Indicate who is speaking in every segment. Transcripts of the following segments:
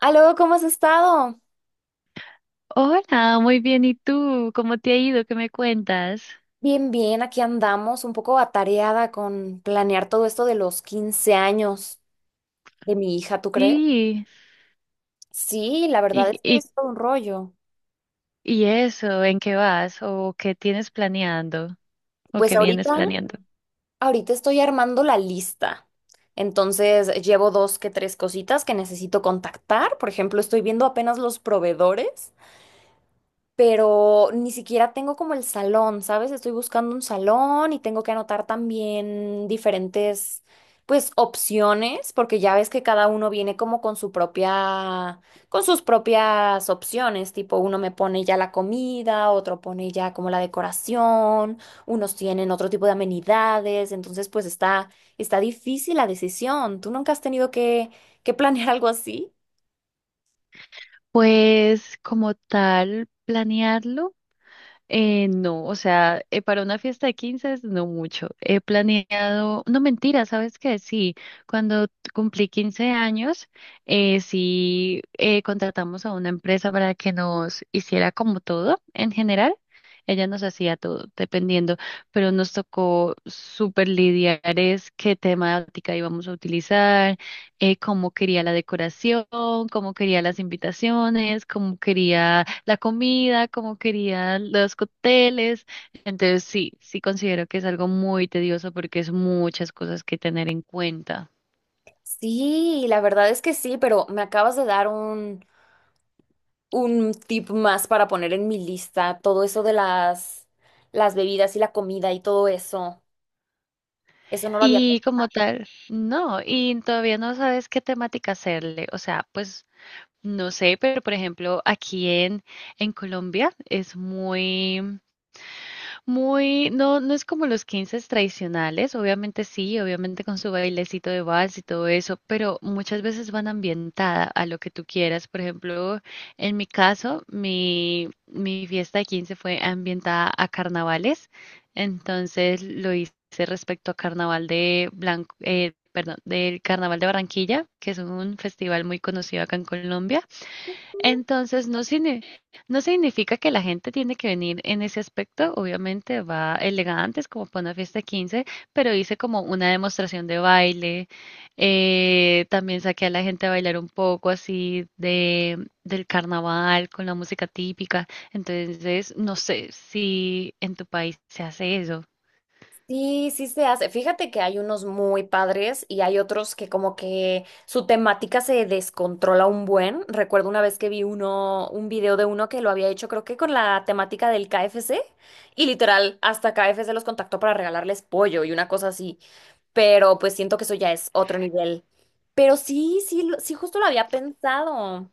Speaker 1: Aló, ¿cómo has estado?
Speaker 2: Hola, muy bien. ¿Y tú? ¿Cómo te ha ido? ¿Qué me cuentas?
Speaker 1: Bien, aquí andamos, un poco atareada con planear todo esto de los 15 años de mi hija, ¿tú crees?
Speaker 2: Sí.
Speaker 1: Sí, la verdad
Speaker 2: ¿Y,
Speaker 1: es que
Speaker 2: y,
Speaker 1: es todo un rollo.
Speaker 2: y eso? ¿En qué vas? ¿O qué tienes planeando? ¿O
Speaker 1: Pues
Speaker 2: qué vienes
Speaker 1: ahorita,
Speaker 2: planeando?
Speaker 1: ahorita estoy armando la lista. Entonces, llevo dos que tres cositas que necesito contactar. Por ejemplo, estoy viendo apenas los proveedores, pero ni siquiera tengo como el salón, ¿sabes? Estoy buscando un salón y tengo que anotar también diferentes, pues, opciones, porque ya ves que cada uno viene como con su propia, con sus propias opciones, tipo uno me pone ya la comida, otro pone ya como la decoración, unos tienen otro tipo de amenidades, entonces pues está difícil la decisión. ¿Tú nunca has tenido que planear algo así?
Speaker 2: Pues como tal, planearlo. No, o sea, para una fiesta de 15 es no mucho. He planeado, no mentira, ¿sabes qué? Sí, cuando cumplí 15 años, sí contratamos a una empresa para que nos hiciera como todo en general. Ella nos hacía todo, dependiendo, pero nos tocó súper lidiar es qué temática íbamos a utilizar, cómo quería la decoración, cómo quería las invitaciones, cómo quería la comida, cómo quería los cócteles. Entonces sí, sí considero que es algo muy tedioso porque es muchas cosas que tener en cuenta.
Speaker 1: Sí, la verdad es que sí, pero me acabas de dar un tip más para poner en mi lista todo eso de las bebidas y la comida y todo eso. Eso no lo había
Speaker 2: Y
Speaker 1: pensado.
Speaker 2: como tal, no, y todavía no sabes qué temática hacerle. O sea, pues no sé, pero por ejemplo, en Colombia es muy... Muy, no, no es como los 15 tradicionales, obviamente sí, obviamente con su bailecito de vals y todo eso, pero muchas veces van ambientada a lo que tú quieras. Por ejemplo, en mi caso, mi fiesta de 15 fue ambientada a carnavales, entonces lo hice respecto a carnaval de Blanco, perdón, del Carnaval de Barranquilla, que es un festival muy conocido acá en Colombia. Entonces, no, no significa que la gente tiene que venir en ese aspecto. Obviamente va elegantes como para una fiesta de 15, pero hice como una demostración de baile. También saqué a la gente a bailar un poco así de, del carnaval con la música típica. Entonces, no sé si en tu país se hace eso.
Speaker 1: Sí, sí se hace. Fíjate que hay unos muy padres y hay otros que como que su temática se descontrola un buen. Recuerdo una vez que vi uno, un video de uno que lo había hecho, creo que con la temática del KFC, y literal hasta KFC los contactó para regalarles pollo y una cosa así. Pero pues siento que eso ya es otro nivel. Pero sí, sí, sí justo lo había pensado.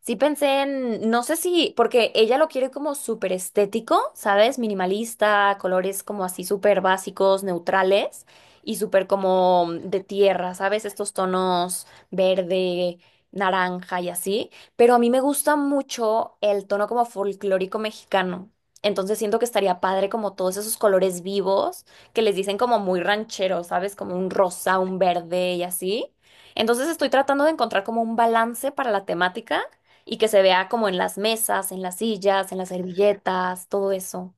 Speaker 1: Sí pensé en, no sé si, porque ella lo quiere como súper estético, ¿sabes? Minimalista, colores como así súper básicos, neutrales y súper como de tierra, ¿sabes? Estos tonos verde, naranja y así. Pero a mí me gusta mucho el tono como folclórico mexicano. Entonces siento que estaría padre como todos esos colores vivos que les dicen como muy rancheros, ¿sabes? Como un rosa, un verde y así. Entonces estoy tratando de encontrar como un balance para la temática y que se vea como en las mesas, en las sillas, en las servilletas, todo eso.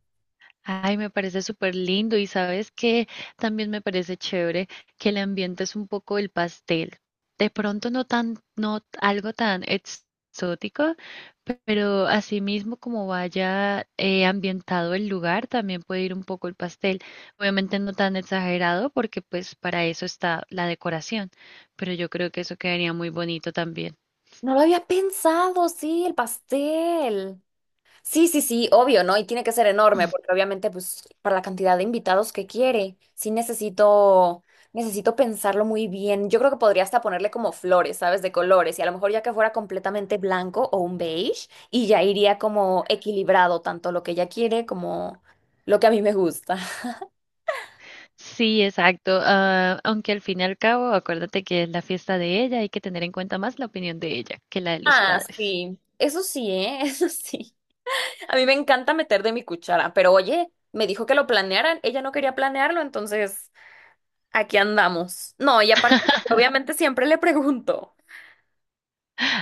Speaker 2: Ay, me parece súper lindo y sabes que también me parece chévere que el ambiente es un poco el pastel. De pronto no tan, no t- algo tan exótico, pero asimismo como vaya ambientado el lugar, también puede ir un poco el pastel. Obviamente no tan exagerado porque pues para eso está la decoración, pero yo creo que eso quedaría muy bonito también.
Speaker 1: No lo había pensado, sí, el pastel. Sí, sí, sí, obvio, ¿no? Y tiene que ser enorme, porque obviamente, pues, para la cantidad de invitados que quiere, sí necesito, necesito pensarlo muy bien. Yo creo que podría hasta ponerle como flores, ¿sabes? De colores, y a lo mejor ya que fuera completamente blanco o un beige, y ya iría como equilibrado, tanto lo que ella quiere como lo que a mí me gusta.
Speaker 2: Sí, exacto. Aunque al fin y al cabo, acuérdate que es la fiesta de ella, hay que tener en cuenta más la opinión de ella que la de los
Speaker 1: Ah,
Speaker 2: padres.
Speaker 1: sí, eso sí, ¿eh? Eso sí. A mí me encanta meter de mi cuchara, pero oye, me dijo que lo planearan, ella no quería planearlo, entonces aquí andamos. No, y aparte, obviamente siempre le pregunto,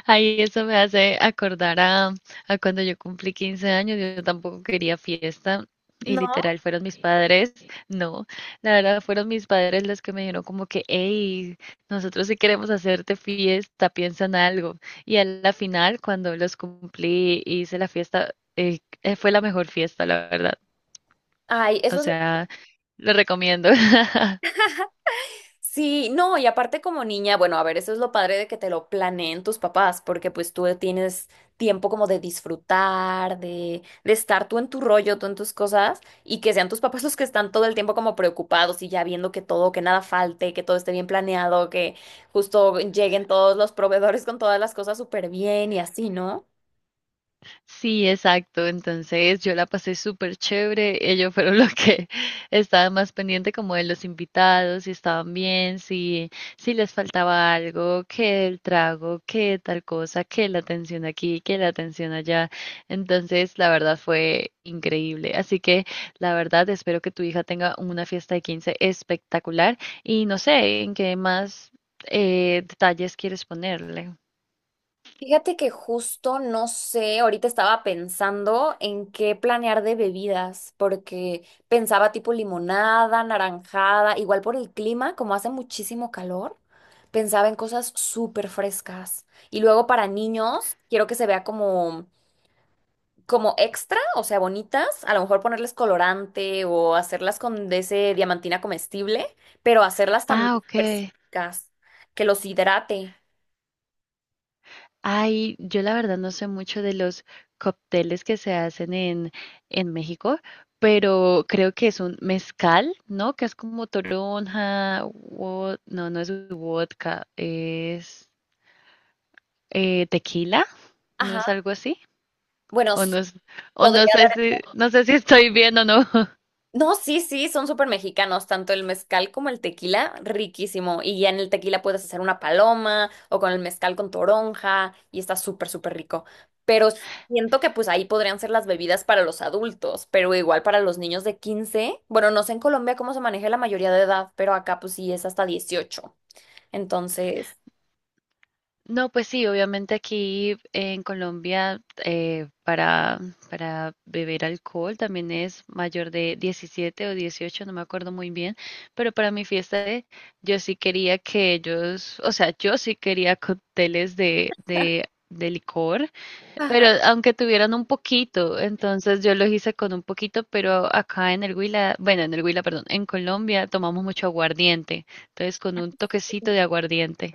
Speaker 2: Ahí eso me hace acordar a cuando yo cumplí 15 años, yo tampoco quería fiesta y
Speaker 1: ¿no?
Speaker 2: literal fueron mis padres, no, la verdad fueron mis padres los que me dijeron como que, hey, nosotros sí queremos hacerte fiesta, piensa en algo. Y a la final, cuando los cumplí, y hice la fiesta, fue la mejor fiesta, la verdad.
Speaker 1: Ay,
Speaker 2: O
Speaker 1: eso es.
Speaker 2: sea, lo recomiendo.
Speaker 1: Sí, no, y aparte como niña, bueno, a ver, eso es lo padre de que te lo planeen tus papás, porque pues tú tienes tiempo como de disfrutar, de estar tú en tu rollo, tú en tus cosas, y que sean tus papás los que están todo el tiempo como preocupados y ya viendo que todo, que nada falte, que todo esté bien planeado, que justo lleguen todos los proveedores con todas las cosas súper bien y así, ¿no?
Speaker 2: Sí, exacto. Entonces yo la pasé súper chévere. Ellos fueron los que estaban más pendientes como de los invitados, si estaban bien, si, si les faltaba algo, que el trago, que tal cosa, que la atención aquí, que la atención allá. Entonces, la verdad fue increíble. Así que, la verdad, espero que tu hija tenga una fiesta de 15 espectacular y no sé en qué más detalles quieres ponerle.
Speaker 1: Fíjate que justo no sé, ahorita estaba pensando en qué planear de bebidas, porque pensaba tipo limonada, naranjada, igual por el clima, como hace muchísimo calor, pensaba en cosas súper frescas. Y luego para niños, quiero que se vea como, como extra, o sea, bonitas, a lo mejor ponerles colorante o hacerlas con de ese diamantina comestible, pero hacerlas también
Speaker 2: Ah, ok.
Speaker 1: súper secas, que los hidrate.
Speaker 2: Ay, yo la verdad no sé mucho de los cócteles que se hacen en México, pero creo que es un mezcal, ¿no? Que es como toronja, no, no es vodka, es tequila, ¿no
Speaker 1: Ajá.
Speaker 2: es algo así?
Speaker 1: Bueno,
Speaker 2: O no es, o no
Speaker 1: podría.
Speaker 2: sé si, no sé si estoy bien o no.
Speaker 1: No, sí, sí, son súper mexicanos, tanto el mezcal como el tequila, riquísimo. Y ya en el tequila puedes hacer una paloma o con el mezcal con toronja y está súper, súper rico. Pero siento que pues ahí podrían ser las bebidas para los adultos, pero igual para los niños de quince. Bueno, no sé en Colombia cómo se maneja la mayoría de edad, pero acá pues sí es hasta dieciocho. Entonces,
Speaker 2: No, pues sí, obviamente aquí en Colombia para beber alcohol también es mayor de 17 o 18, no me acuerdo muy bien, pero para mi yo sí quería que ellos, o sea, yo sí quería cócteles de licor, pero
Speaker 1: ajá,
Speaker 2: aunque tuvieran un poquito, entonces yo los hice con un poquito, pero acá en el Huila, bueno, en el Huila, perdón, en Colombia tomamos mucho aguardiente, entonces con un toquecito de aguardiente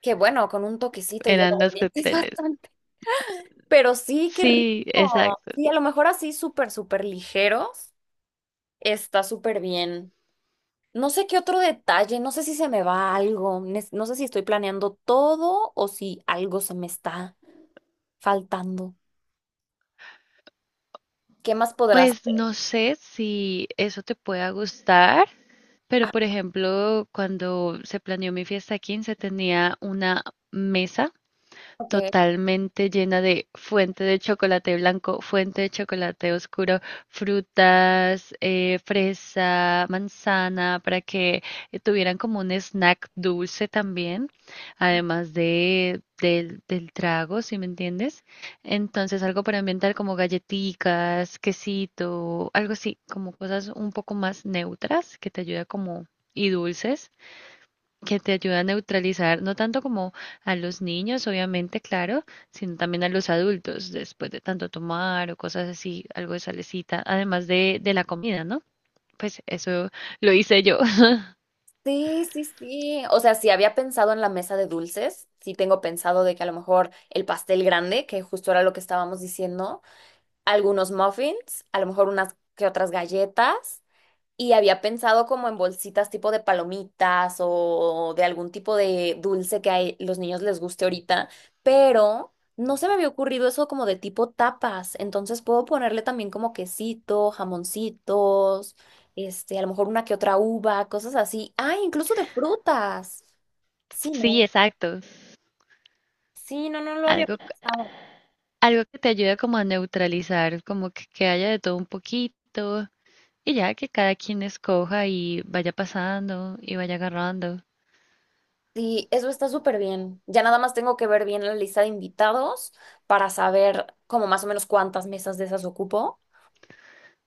Speaker 1: que bueno, con un toquecito ya lo
Speaker 2: eran los
Speaker 1: es
Speaker 2: cócteles.
Speaker 1: bastante. Pero sí, qué rico.
Speaker 2: Sí, exacto.
Speaker 1: Sí, a lo mejor así súper, súper ligeros. Está súper bien. No sé qué otro detalle, no sé si se me va algo, no sé si estoy planeando todo o si algo se me está faltando. ¿Qué más podrás
Speaker 2: Pues
Speaker 1: hacer?
Speaker 2: no sé si eso te pueda gustar, pero
Speaker 1: Ah,
Speaker 2: por ejemplo, cuando se planeó mi fiesta de 15 tenía una mesa
Speaker 1: ok.
Speaker 2: totalmente llena de fuente de chocolate blanco, fuente de chocolate oscuro, frutas, fresa, manzana, para que tuvieran como un snack dulce también, además del trago, si me entiendes. Entonces, algo para ambientar como galletitas, quesito, algo así, como cosas un poco más neutras que te ayuda como y dulces que te ayuda a neutralizar, no tanto como a los niños, obviamente, claro, sino también a los adultos, después de tanto tomar o cosas así, algo de salecita, además de la comida, ¿no? Pues eso lo hice yo.
Speaker 1: Sí, sí, sí. O sea, si había pensado en la mesa de dulces, sí tengo pensado de que a lo mejor el pastel grande, que justo era lo que estábamos diciendo, algunos muffins, a lo mejor unas que otras galletas. Y había pensado como en bolsitas tipo de palomitas o de algún tipo de dulce que a los niños les guste ahorita, pero no se me había ocurrido eso como de tipo tapas. Entonces puedo ponerle también como quesito, jamoncitos, este, a lo mejor una que otra uva, cosas así. Ah, incluso de frutas. Sí,
Speaker 2: Sí,
Speaker 1: no.
Speaker 2: exacto.
Speaker 1: Sí, no, no lo había
Speaker 2: Algo,
Speaker 1: pensado.
Speaker 2: Algo que te ayuda como a neutralizar, como que haya de todo un poquito, y ya que cada quien escoja y vaya pasando y vaya agarrando.
Speaker 1: Sí, eso está súper bien. Ya nada más tengo que ver bien la lista de invitados para saber como más o menos cuántas mesas de esas ocupo,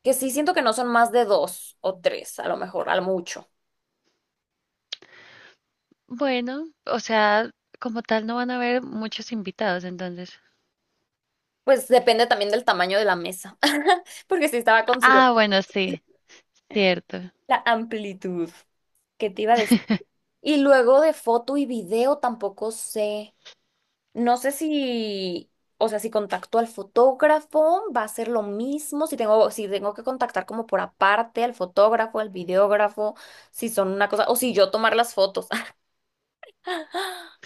Speaker 1: que sí siento que no son más de dos o tres, a lo mejor, al mucho.
Speaker 2: Bueno, o sea, como tal no van a haber muchos invitados, entonces.
Speaker 1: Pues depende también del tamaño de la mesa, porque sí estaba considerando
Speaker 2: Ah, bueno, sí, cierto.
Speaker 1: la amplitud que te iba a decir. Y luego de foto y video tampoco sé, no sé si, o sea, si contacto al fotógrafo va a ser lo mismo, si tengo que contactar como por aparte al fotógrafo, al videógrafo, si son una cosa, o si yo tomar las fotos.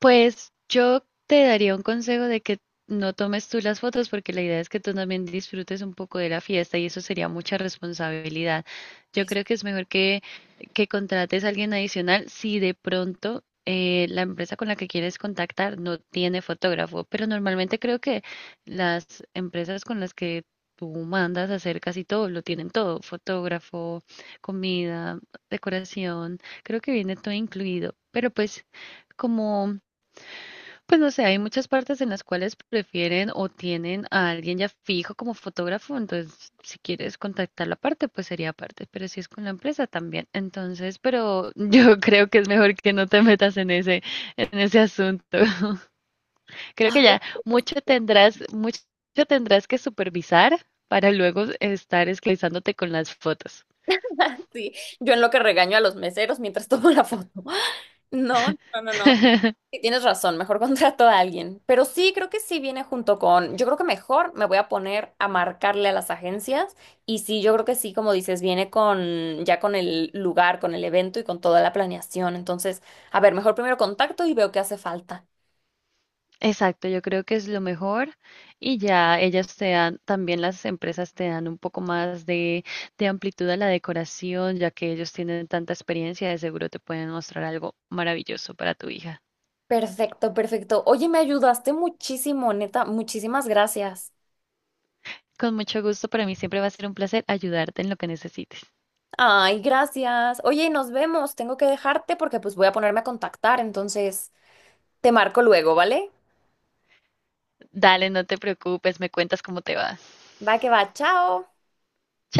Speaker 2: Pues yo te daría un consejo de que no tomes tú las fotos porque la idea es que tú también disfrutes un poco de la fiesta y eso sería mucha responsabilidad. Yo
Speaker 1: Eso.
Speaker 2: creo que es mejor que contrates a alguien adicional si de pronto la empresa con la que quieres contactar no tiene fotógrafo, pero normalmente creo que las empresas con las que tú mandas a hacer casi todo, lo tienen todo, fotógrafo, comida, decoración, creo que viene todo incluido, pero pues como pues no sé, hay muchas partes en las cuales prefieren o tienen a alguien ya fijo como fotógrafo, entonces si quieres contactar la parte, pues sería aparte, pero si es con la empresa también. Entonces, pero yo creo que es mejor que no te metas en en ese asunto. Creo que
Speaker 1: Ay,
Speaker 2: ya mucho tendrás que supervisar para luego estar esclavizándote con las fotos.
Speaker 1: sí, yo en lo que regaño a los meseros mientras tomo la foto. No, no, no, no. Sí, tienes razón, mejor contrato a alguien. Pero sí, creo que sí viene junto con, yo creo que mejor me voy a poner a marcarle a las agencias y sí, yo creo que sí, como dices, viene con ya con el lugar, con el evento y con toda la planeación. Entonces, a ver, mejor primero contacto y veo qué hace falta.
Speaker 2: Exacto, yo creo que es lo mejor y ya ellas te dan, también las empresas te dan un poco más de amplitud a la decoración, ya que ellos tienen tanta experiencia, de seguro te pueden mostrar algo maravilloso para tu hija.
Speaker 1: Perfecto, perfecto. Oye, me ayudaste muchísimo, neta, muchísimas gracias.
Speaker 2: Con mucho gusto, para mí siempre va a ser un placer ayudarte en lo que necesites.
Speaker 1: Ay, gracias. Oye, nos vemos. Tengo que dejarte porque pues voy a ponerme a contactar, entonces te marco luego, ¿vale?
Speaker 2: Dale, no te preocupes, me cuentas cómo te va.
Speaker 1: Va que va, chao.